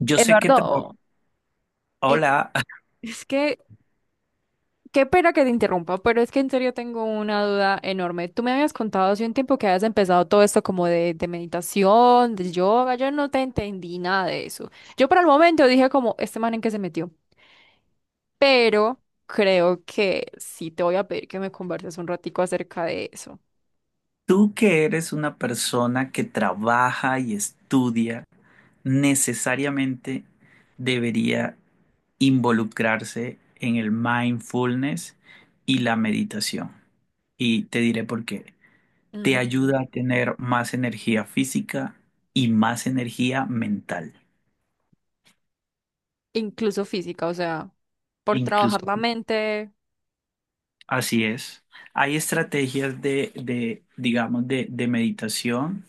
Yo sé que, tra- Eduardo, eh, Hola, es que qué pena que te interrumpa, pero es que en serio tengo una duda enorme. Tú me habías contado hace un tiempo que habías empezado todo esto como de meditación, de yoga, yo no te entendí nada de eso. Yo por el momento dije como, este man en qué se metió, pero creo que sí te voy a pedir que me converses un ratico acerca de eso. tú que eres una persona que trabaja y estudia, necesariamente debería involucrarse en el mindfulness y la meditación. Y te diré por qué. Te ayuda Ujú. a tener más energía física y más energía mental. Incluso física, o sea, por Incluso, trabajar la sí, mente. así es. Hay estrategias digamos, de meditación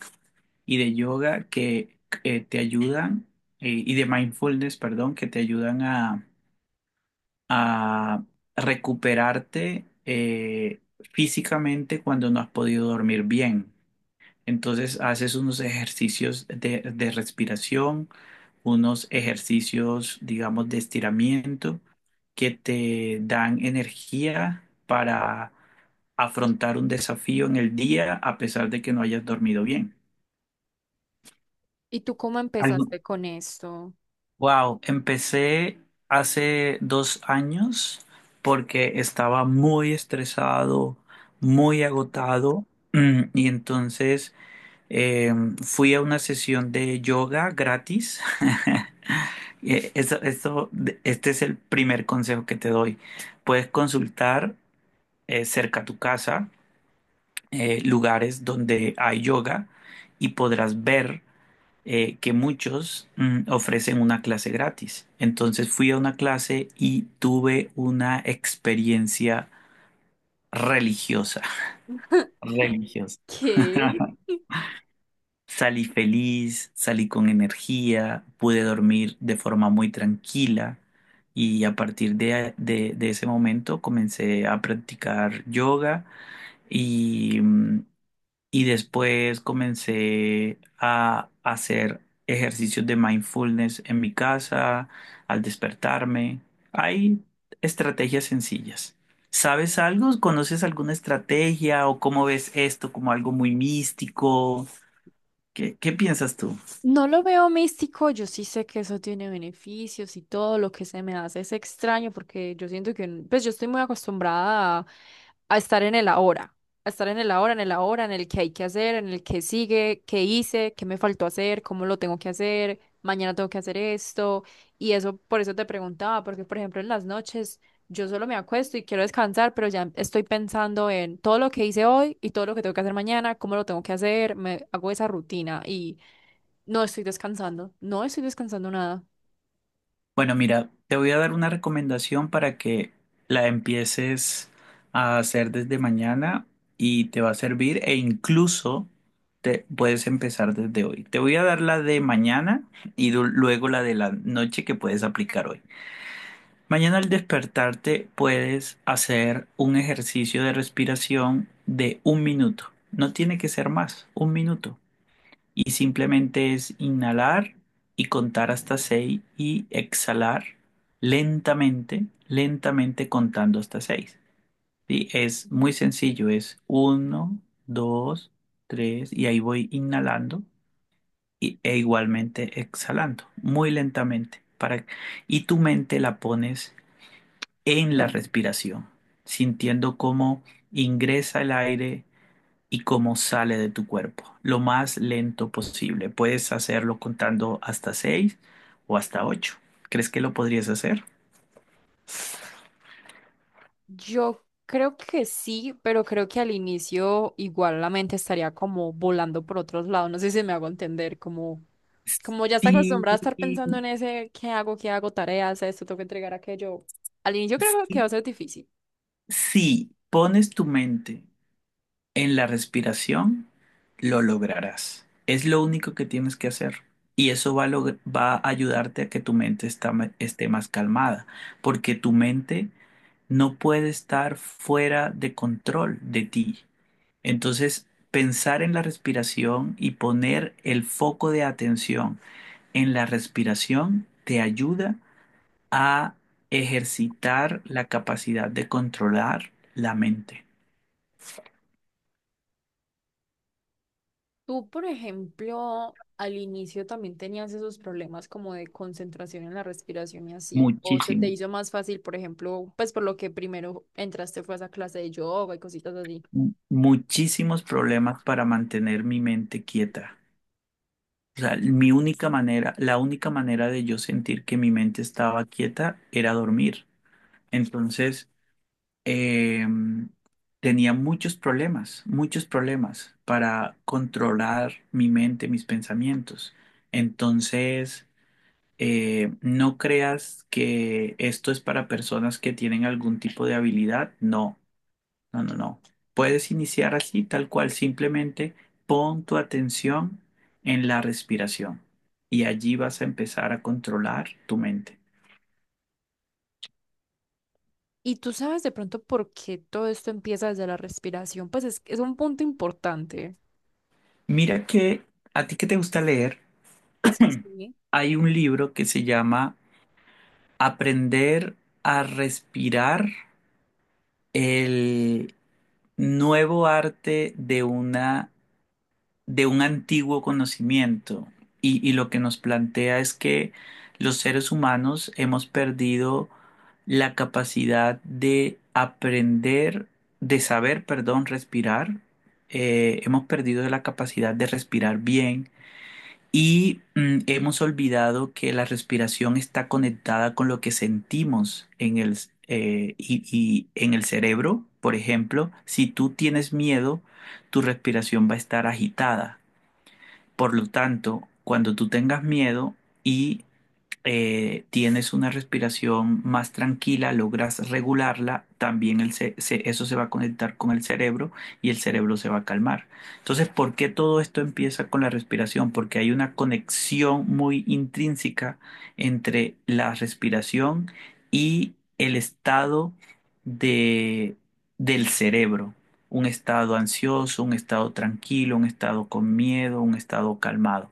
y de yoga que te ayudan, y de mindfulness, perdón, que te ayudan a, a recuperarte físicamente cuando no has podido dormir bien. Entonces haces unos ejercicios de respiración, unos ejercicios, digamos, de estiramiento que te dan energía para afrontar un desafío en el día a pesar de que no hayas dormido bien. ¿Y tú cómo Algo- empezaste con esto? Wow, empecé hace 2 años porque estaba muy estresado, muy agotado y entonces eh, fui a una sesión de yoga gratis. Eh, Eso, eso- este es el primer consejo que te doy. Puedes consultar cerca a tu casa lugares donde hay yoga y podrás ver que muchos ofrecen una clase gratis. Entonces fui a una clase y tuve una experiencia religiosa, religiosa. ¿Qué? Salí feliz, salí con energía, pude dormir de forma muy tranquila y a partir de ese momento comencé a practicar yoga y, mm, Y después comencé a hacer ejercicios de mindfulness en mi casa, al despertarme. Hay estrategias sencillas. ¿Sabes algo? ¿Conoces alguna estrategia o cómo ves esto como algo muy místico? ¿Qué piensas tú? No lo veo místico, yo sí sé que eso tiene beneficios y todo lo que se me hace es extraño porque yo siento que, pues yo estoy muy acostumbrada a estar en el ahora, a estar en el ahora, en el ahora, en el que hay que hacer, en el que sigue, qué hice, qué me faltó hacer, cómo lo tengo que hacer, mañana tengo que hacer esto y eso, por eso te preguntaba, porque por ejemplo en las noches yo solo me acuesto y quiero descansar, pero ya estoy pensando en todo lo que hice hoy y todo lo que tengo que hacer mañana, cómo lo tengo que hacer, me hago esa rutina y... No estoy descansando, no estoy descansando nada. Bueno, mira, te voy a dar una recomendación para que la empieces a hacer desde mañana y te va a servir e incluso te puedes empezar desde hoy. Te voy a dar la de mañana y luego la de la noche que puedes aplicar hoy. Mañana al despertarte puedes hacer un ejercicio de respiración de 1 minuto. No tiene que ser más, 1 minuto y simplemente es inhalar y contar hasta 6 y exhalar lentamente, lentamente contando hasta seis, ¿sí? Es muy sencillo, es uno, dos, 3 y ahí voy inhalando e igualmente exhalando, muy lentamente. Para, y tu mente la pones en la respiración, sintiendo cómo ingresa el aire y cómo sale de tu cuerpo, lo más lento posible. Puedes hacerlo contando hasta seis o hasta ocho. ¿Crees que lo podrías hacer? Yo creo que sí, pero creo que al inicio igual la mente estaría como volando por otros lados. No sé si me hago entender, como, como ya está Sí, acostumbrada a estar pensando en ese, ¿qué hago? ¿Qué hago? Tareas, esto, tengo que entregar aquello. Al inicio creo que sí, va a ser difícil. si pones tu mente en la respiración, lo lograrás. Es lo único que tienes que hacer. Y eso va a ayudarte a que tu mente esté más calmada, porque tu mente no puede estar fuera de control de ti. Entonces, pensar en la respiración y poner el foco de atención en la respiración te ayuda a ejercitar la capacidad de controlar la mente. Tú, por ejemplo, al inicio también tenías esos problemas como de concentración en la respiración y así. O se te Muchísimo, hizo más fácil, por ejemplo, pues por lo que primero entraste fue a esa clase de yoga y cositas así. Muchísimos problemas para mantener mi mente quieta. O sea, mi única manera, la única manera de yo sentir que mi mente estaba quieta era dormir. Entonces, eh, tenía muchos problemas para controlar mi mente, mis pensamientos. Entonces, no creas que esto es para personas que tienen algún tipo de habilidad. No, no, no, no. Puedes iniciar así, tal cual, simplemente pon tu atención en la respiración y allí vas a empezar a controlar tu mente. Y tú sabes de pronto por qué todo esto empieza desde la respiración, pues es un punto importante. Mira que a ti que te gusta leer, Sí, sí. hay un libro que se llama Aprender a Respirar, el nuevo arte de un antiguo conocimiento. Y lo que nos plantea es que los seres humanos hemos perdido la capacidad de aprender, de saber, perdón, respirar. Hemos perdido la capacidad de respirar bien. Y hemos olvidado que la respiración está conectada con lo que sentimos y en el cerebro. Por ejemplo, si tú tienes miedo, tu respiración va a estar agitada. Por lo tanto, cuando tú tengas miedo y tienes una respiración más tranquila, logras regularla, también eso se va a conectar con el cerebro y el cerebro se va a calmar. Entonces, ¿por qué todo esto empieza con la respiración? Porque hay una conexión muy intrínseca entre la respiración y el estado de, del cerebro. Un estado ansioso, un estado tranquilo, un estado con miedo, un estado calmado.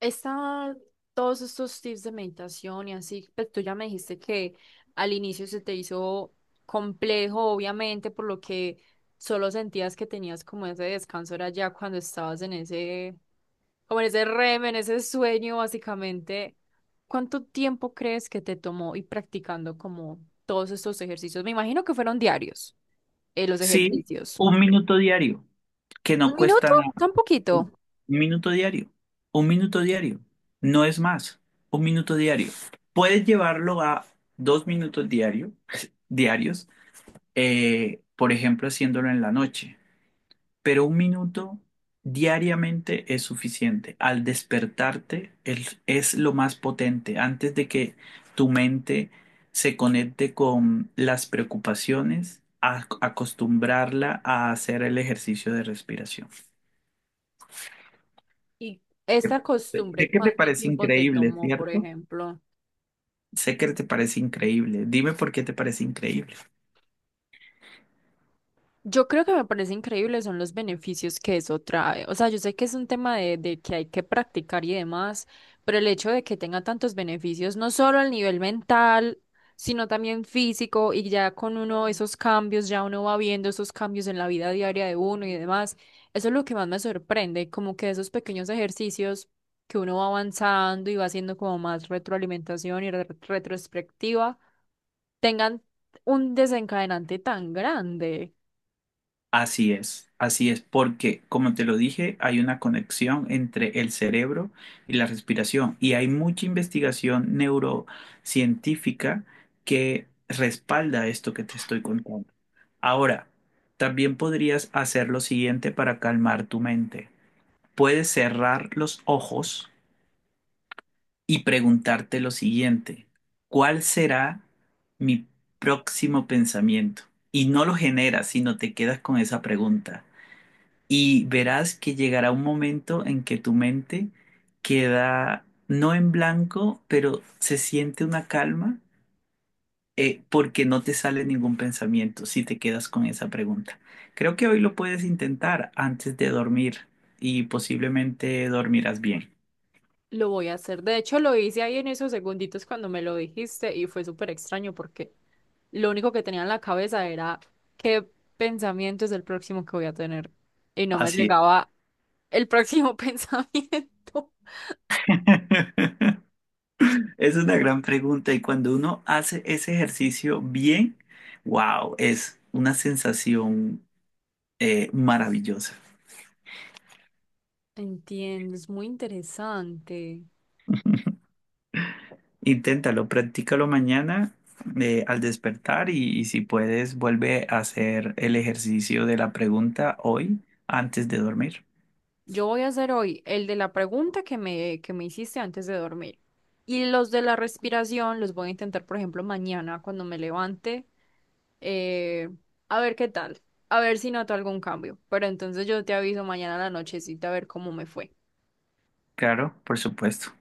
Esta- Todos estos tips de meditación y así, pues tú ya me dijiste que al inicio se te hizo complejo, obviamente, por lo que solo sentías que tenías como ese descanso, era ya cuando estabas en ese, como en ese REM, en ese sueño, básicamente. ¿Cuánto tiempo crees que te tomó ir practicando como todos estos ejercicios? Me imagino que fueron diarios. Los Sí, ejercicios. 1 minuto diario. Que ¿Un no minuto? cuesta Tan un poquito. minuto diario, 1 minuto diario, no es más, 1 minuto diario. Puedes llevarlo a 2 minutos diarios, por ejemplo, haciéndolo en la noche, pero 1 minuto diariamente es suficiente. Al despertarte es lo más potente, antes de que tu mente se conecte con las preocupaciones, acostumbrarla a hacer el ejercicio de respiración. ¿Y esta Sé costumbre que te cuánto parece tiempo te increíble, tomó, por ¿cierto? ejemplo? Sé que te parece increíble. Dime por qué te parece increíble. Yo creo que me parece increíble son los beneficios que eso trae. O sea, yo sé que es un tema de que hay que practicar y demás, pero el hecho de que tenga tantos beneficios, no solo al nivel mental, sino también físico, y ya con uno esos cambios, ya uno va viendo esos cambios en la vida diaria de uno y demás, eso es lo que más me sorprende, como que esos pequeños ejercicios que uno va avanzando y va haciendo como más retroalimentación y retrospectiva, tengan un desencadenante tan grande. Así es, porque como te lo dije, hay una conexión entre el cerebro y la respiración y hay mucha investigación neurocientífica que respalda esto que te estoy contando. Ahora, también podrías hacer lo siguiente para calmar tu mente. Puedes cerrar los ojos y preguntarte lo siguiente, ¿cuál será mi próximo pensamiento? Y no lo generas, sino te quedas con esa pregunta. Y verás que llegará un momento en que tu mente queda no en blanco, pero se siente una calma porque no te sale ningún pensamiento si te quedas con esa pregunta. Creo que hoy lo puedes intentar antes de dormir y posiblemente dormirás bien. Lo voy a hacer. De hecho, lo hice ahí en esos segunditos cuando me lo dijiste y fue súper extraño porque lo único que tenía en la cabeza era qué pensamiento es el próximo que voy a tener. Y no me Así es. llegaba el próximo pensamiento. Es una gran pregunta y cuando uno hace ese ejercicio bien, wow, es una sensación maravillosa. Entiendo, es muy interesante. Inténtalo, practícalo mañana al despertar y si puedes, vuelve a hacer el ejercicio de la pregunta hoy antes de dormir. Yo voy a hacer hoy el de la pregunta que me hiciste antes de dormir. Y los de la respiración los voy a intentar, por ejemplo, mañana cuando me levante. eh, a ver qué tal. A ver si noto algún cambio. Pero entonces yo te aviso mañana a la nochecita a ver cómo me fue. Claro, por supuesto.